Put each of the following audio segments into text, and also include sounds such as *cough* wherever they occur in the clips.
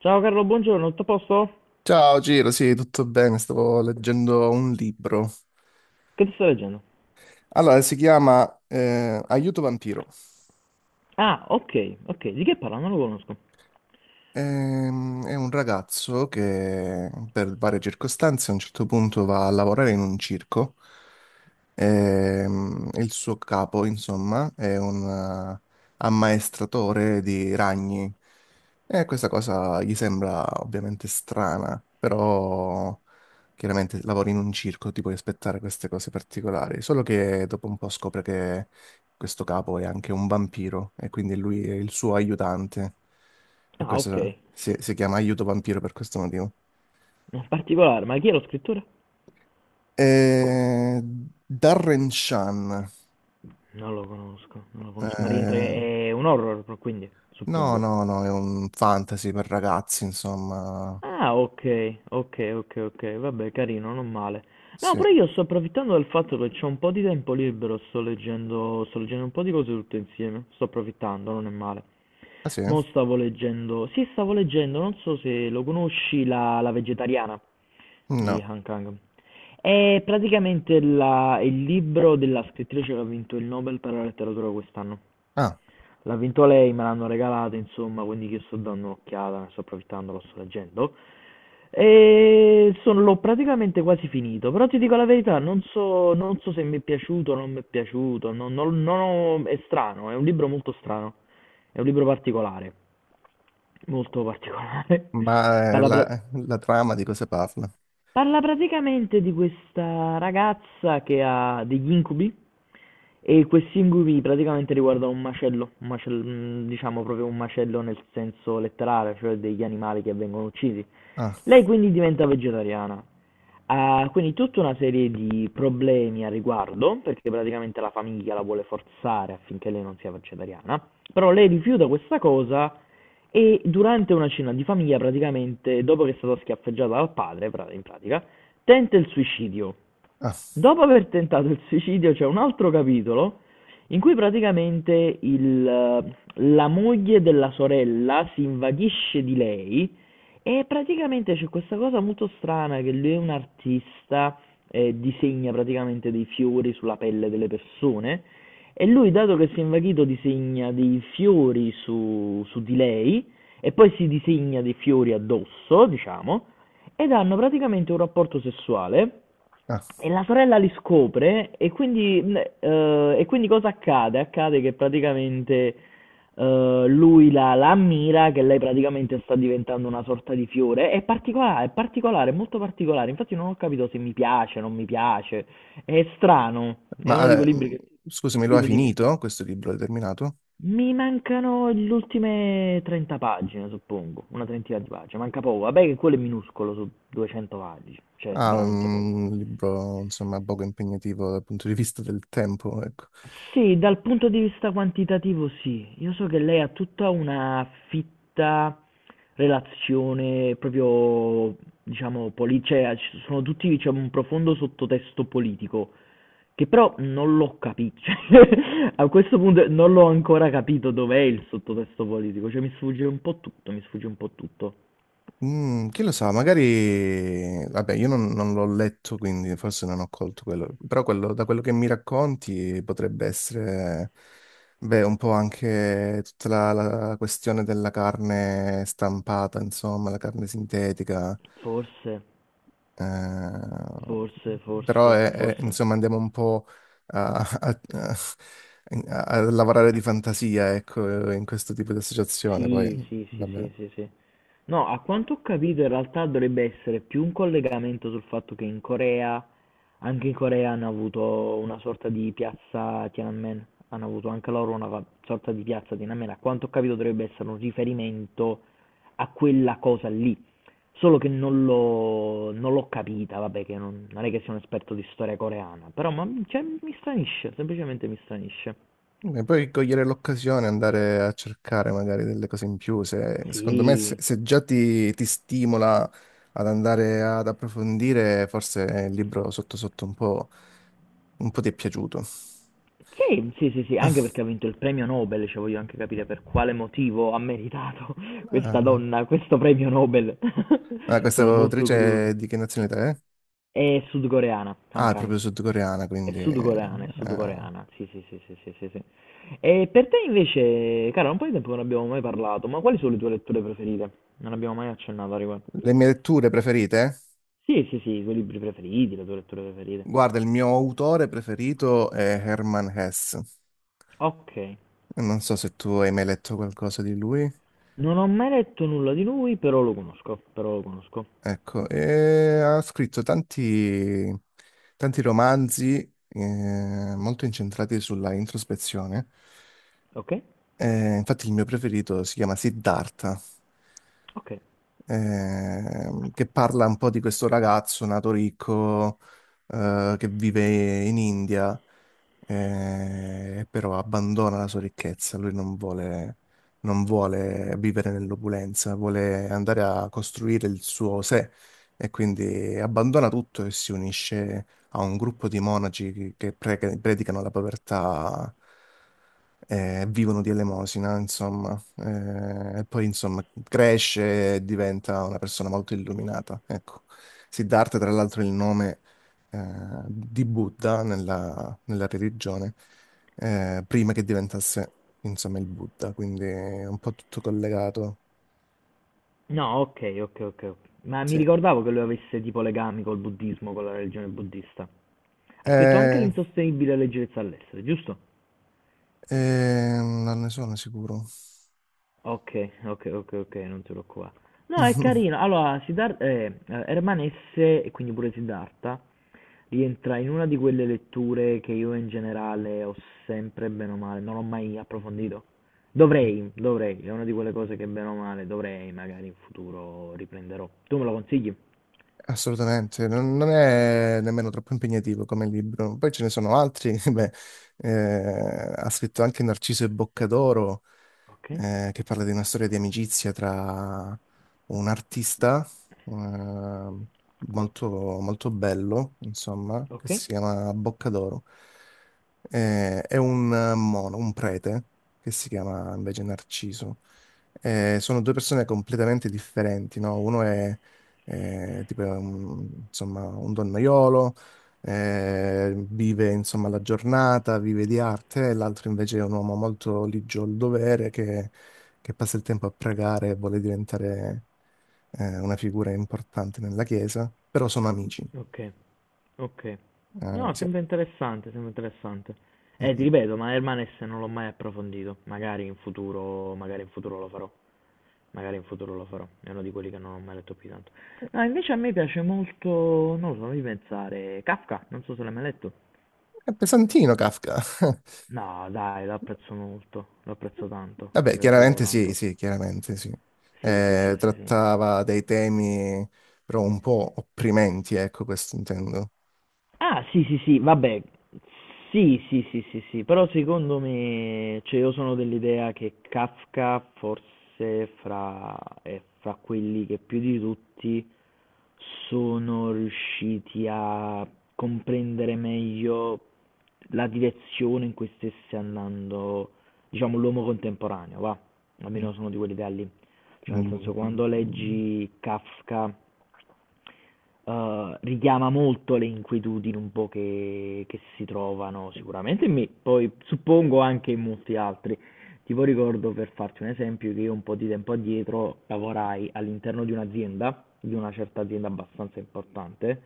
Ciao Carlo, buongiorno, tutto a posto? Ciao Giro, sì, tutto bene, stavo leggendo un libro. Che ti sto leggendo? Allora, si chiama Aiuto Vampiro. Ah, ok, ok, di che parla? Non lo conosco. È un ragazzo che per varie circostanze a un certo punto va a lavorare in un circo. Il suo capo, insomma, è un eh, ammaestratore di ragni e questa cosa gli sembra ovviamente strana, però chiaramente lavori in un circo, ti puoi aspettare queste cose particolari, solo che dopo un po' scopre che questo capo è anche un vampiro e quindi lui è il suo aiutante. Per Ah, ok, questo si chiama Aiuto Vampiro per questo motivo. non particolare, ma chi è lo scrittore? Eh, Darren Shan. Non lo conosco, non lo conosco, ma rientra, Eh, è un horror, quindi, no, suppongo. no, no, è un fantasy per ragazzi, insomma. Ah, ok, ok, ok, ok, vabbè, carino, non male. No, Sì. però io sto approfittando del fatto che c'ho un po' di tempo libero, sto leggendo un po' di cose tutte insieme, sto approfittando, non è male. Ah, sì? Mo' stavo leggendo, sì, stavo leggendo, non so se lo conosci, la vegetariana. Di No. Han Kang. È praticamente il libro della scrittrice che ha vinto il Nobel per la letteratura quest'anno. Ah, L'ha vinto lei, me l'hanno regalato, insomma, quindi io sto dando un'occhiata, ne sto approfittando, lo sto leggendo. E sono, l'ho praticamente quasi finito, però ti dico la verità, non so se mi è piaciuto o non mi è piaciuto, non, non- non ho- è strano, è un libro molto strano, è un libro particolare, molto particolare. *laughs* ma Parla pra- la trama di cosa parla? Parla praticamente di questa ragazza che ha degli incubi e questi ingumi praticamente riguardano un macello, diciamo proprio un macello nel senso letterale, cioè degli animali che vengono uccisi. Ah, Lei quindi diventa vegetariana. Ha quindi tutta una serie di problemi a riguardo, perché praticamente la famiglia la vuole forzare affinché lei non sia vegetariana, però lei rifiuta questa cosa e durante una cena di famiglia praticamente, dopo che è stata schiaffeggiata dal padre, in pratica, tenta il suicidio. ah, Dopo aver tentato il suicidio c'è un altro capitolo in cui praticamente la moglie della sorella si invaghisce di lei e praticamente c'è questa cosa molto strana che lui è un artista e disegna praticamente dei fiori sulla pelle delle persone e lui dato che si è invaghito disegna dei fiori su, su di lei e poi si disegna dei fiori addosso, diciamo, ed hanno praticamente un rapporto sessuale ah. e la sorella li scopre e quindi cosa accade? Accade che praticamente lui la ammira, che lei praticamente sta diventando una sorta di fiore. È particolare, è particolare, è molto particolare. Infatti non ho capito se mi piace, non mi piace. È strano. È uno di Ma quei libri che... scusami, lo hai Dimmi, dimmi, scusa. finito questo libro? L'hai terminato? Mi mancano le ultime 30 pagine, suppongo, una trentina di pagine, manca poco. Vabbè che quello è minuscolo su 200 pagine, cioè Ah, veramente mm, poco. un libro, insomma, poco impegnativo dal punto di vista del tempo, ecco. Sì, dal punto di vista quantitativo sì. Io so che lei ha tutta una fitta relazione proprio, diciamo, cioè ci sono tutti, diciamo, un profondo sottotesto politico, che però non l'ho capito. *laughs* Cioè, a questo punto non l'ho ancora capito dov'è il sottotesto politico, cioè mi sfugge un po' tutto, mi sfugge un po' tutto. Mm, chi lo sa, magari. Vabbè, io non l'ho letto, quindi forse non ho colto quello. Però quello, da quello che mi racconti potrebbe essere, beh, un po' anche tutta la questione della carne stampata, insomma, la carne sintetica. Forse, Eh, forse, Però, forse, è- forse. insomma, andiamo un po' a, a- a- a lavorare di fantasia, ecco, in questo tipo di associazione. Poi, Sì, sì, sì, vabbè. sì, sì, sì. No, a quanto ho capito in realtà dovrebbe essere più un collegamento sul fatto che in Corea, anche in Corea hanno avuto una sorta di piazza Tiananmen, hanno avuto anche loro una sorta di piazza Tiananmen, a quanto ho capito dovrebbe essere un riferimento a quella cosa lì, solo che non l'ho capita, vabbè che non, non è che sia un esperto di storia coreana, però ma, cioè, mi stranisce, semplicemente mi stranisce. E poi cogliere l'occasione, andare a cercare magari delle cose in più, se, secondo me se, Sì, se già ti stimola ad andare ad approfondire, forse il libro sotto sotto un po' ti è piaciuto. sì, sì, sì, sì, anche *laughs* perché ha vinto il premio Nobel, cioè voglio anche capire per quale motivo ha meritato *laughs* questa Ah, donna questo premio Nobel. ah, *laughs* questa Sono molto autrice curioso. è di che nazionalità è? È sudcoreana, Kang Ah, è Kang. proprio sudcoreana, È quindi sudcoreana, è sudcoreana. Sì, sì, sì, sì, sì, sì, sì. E per te invece, cara, un po' di tempo che non abbiamo mai parlato, ma quali sono le tue letture preferite? Non abbiamo mai accennato a riguardo. le mie letture preferite? Sì, sì, sì, i tuoi libri preferiti, le tue letture preferite. Guarda, il mio autore preferito è Herman Hesse. Ok. Non so se tu hai mai letto qualcosa di lui. Non ho mai letto nulla di lui, però lo conosco, però lo conosco. Ecco, e ha scritto tanti, tanti romanzi molto incentrati sulla introspezione. Ok? Infatti il mio preferito si chiama Siddhartha Ok. Che parla un po' di questo ragazzo nato ricco che vive in India, però abbandona la sua ricchezza, lui non vuole, non vuole vivere nell'opulenza, vuole andare a costruire il suo sé e quindi abbandona tutto e si unisce a un gruppo di monaci che predicano la povertà e vivono di elemosina, insomma. E poi insomma cresce e diventa una persona molto illuminata. Ecco. Siddhartha, tra l'altro, è il nome eh, di Buddha nella religione, prima che diventasse insomma il Buddha, quindi è un po' tutto collegato. No, ok, ok, ok, ok. Ma mi Sì. ricordavo che lui avesse tipo legami col buddismo, con la religione buddista. Ha scritto anche Eh, l'insostenibile leggerezza all'essere, giusto? eh, non ne sono sicuro. Ok, ok, ok, ok, non ce l'ho qua. No, è *laughs* carino. Allora, Herman S, e quindi pure Siddhartha, rientra in una di quelle letture che io in generale ho sempre bene o male, non ho mai approfondito. Dovrei, dovrei, è una di quelle cose che bene o male dovrei, magari in futuro riprenderò. Tu me lo consigli? Assolutamente, non è nemmeno troppo impegnativo come libro. Poi ce ne sono altri, *laughs* beh, ha scritto anche Narciso e Boccadoro, Ok, che parla di una storia di amicizia tra un artista, eh, molto, molto bello, insomma, che ok, si chiama Boccadoro, e un un prete, che si chiama invece Narciso. Sono due persone completamente differenti, no? Uno è tipo un insomma un donnaiolo, vive insomma la giornata, vive di arte, e l'altro invece è un uomo molto ligio al dovere che passa il tempo a pregare e vuole diventare una figura importante nella chiesa, però sono amici. ok. Okay. No, Sì. sembra interessante, sembra interessante. Mm, Ti mm. ripeto, ma Hermanes non l'ho mai approfondito. Magari in futuro lo farò. Magari in futuro lo farò. È uno di quelli che non ho mai letto più di tanto. No, invece a me piace molto, non lo so, fammi pensare, Kafka, non so se l'hai mai letto. È pesantino Kafka. *laughs* No, dai, lo apprezzo molto, lo apprezzo tanto, a Vabbè, me piace proprio chiaramente sì, tanto. sì, chiaramente sì. Sì, sì, sì, sì, sì. Trattava dei temi però un po' opprimenti, ecco, questo intendo. Ah, sì, sì, sì, vabbè, sì, sì, sì, sì, sì, però secondo me, cioè io sono dell'idea che Kafka forse fra, è fra quelli che più di tutti sono riusciti a comprendere meglio la direzione in cui stesse andando, diciamo, l'uomo contemporaneo, va, Mm, almeno sono di quell'idea lì, cioè nel mm, senso mm, quando mm. leggi Kafka richiama molto le inquietudini un po' che si trovano sicuramente in me, poi suppongo anche in molti altri. Tipo ricordo, per farti un esempio, che io un po' di tempo addietro lavorai all'interno di un'azienda, di una certa azienda abbastanza importante,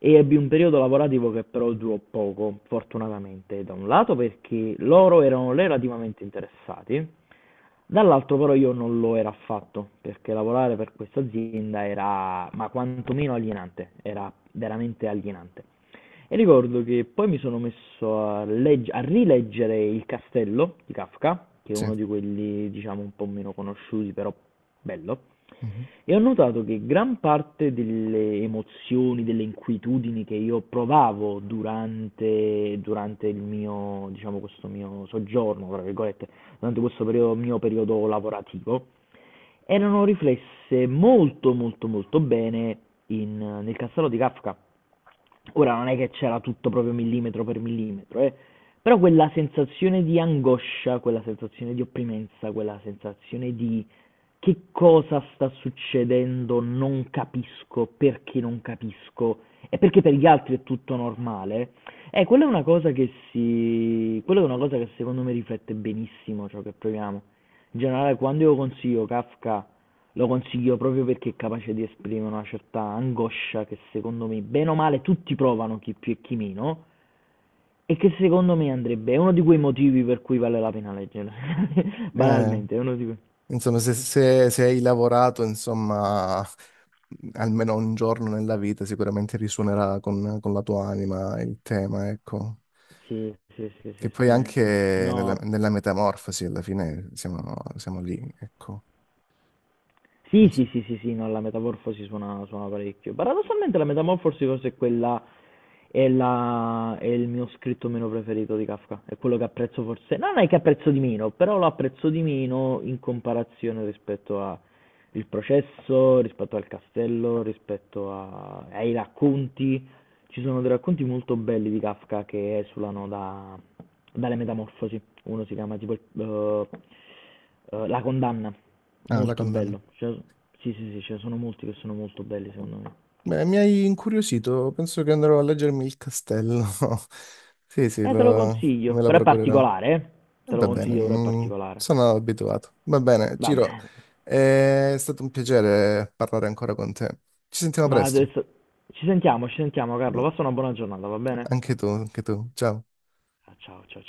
e ebbi un periodo lavorativo che però durò poco, fortunatamente. Da un lato perché loro erano relativamente interessati. Dall'altro però io non lo ero affatto, perché lavorare per questa azienda era, ma quantomeno alienante, era veramente alienante. E ricordo che poi mi sono messo a, a rileggere Il Castello di Kafka, che è Sì. uno di quelli, diciamo, un po' meno conosciuti, però bello. Mhm. E ho notato che gran parte delle emozioni, delle inquietudini che io provavo durante il mio diciamo, questo mio "soggiorno", tra virgolette, durante questo perio mio periodo lavorativo, erano riflesse molto, molto, molto bene in nel castello di Kafka. Ora non è che c'era tutto proprio millimetro per millimetro, però quella sensazione di angoscia, quella sensazione di opprimenza, quella sensazione di che cosa sta succedendo, non capisco, perché non capisco, e perché per gli altri è tutto normale, quella è una cosa che si... quella è una cosa che secondo me riflette benissimo ciò che proviamo. In generale quando io consiglio Kafka, lo consiglio proprio perché è capace di esprimere una certa angoscia che secondo me, bene o male, tutti provano, chi più e chi meno, e che secondo me andrebbe, è uno di quei motivi per cui vale la pena leggerlo, *laughs* Eh, banalmente, è uno di quei... insomma, se, se se hai lavorato, insomma, almeno un giorno nella vita, sicuramente risuonerà con la tua anima il tema, ecco. Sì, sì, sì, Che sì, poi sì. anche No, nella metamorfosi, alla fine, siamo, siamo lì, ecco. sì, Non so. sì, sì, sì, sì, no, la Metamorfosi suona, suona parecchio. Paradossalmente la Metamorfosi forse è quella, è la, è il mio scritto meno preferito di Kafka, è quello che apprezzo forse, no, non è che apprezzo di meno, però lo apprezzo di meno in comparazione rispetto a il processo, rispetto al castello, ai racconti. Ci sono dei racconti molto belli di Kafka che esulano dalle metamorfosi. Uno si chiama tipo La condanna, Ah, la molto condanna. bello. Cioè, sì, sì, sì, ce ne sono molti che sono molto belli secondo me. Beh, mi hai incuriosito, penso che andrò a leggermi il castello. *laughs* Sì, sì, Te lo lo- consiglio, me la però è procurerò. particolare, eh. E Te lo va bene, consiglio, però è mm, particolare. sono abituato. Va bene, Va Ciro, bene. è stato un piacere parlare ancora con te. Ci sentiamo Ma presto. adesso ci sentiamo Carlo, passa una buona giornata, va bene? Anche tu, anche tu. Ciao. Ah, ciao, ciao.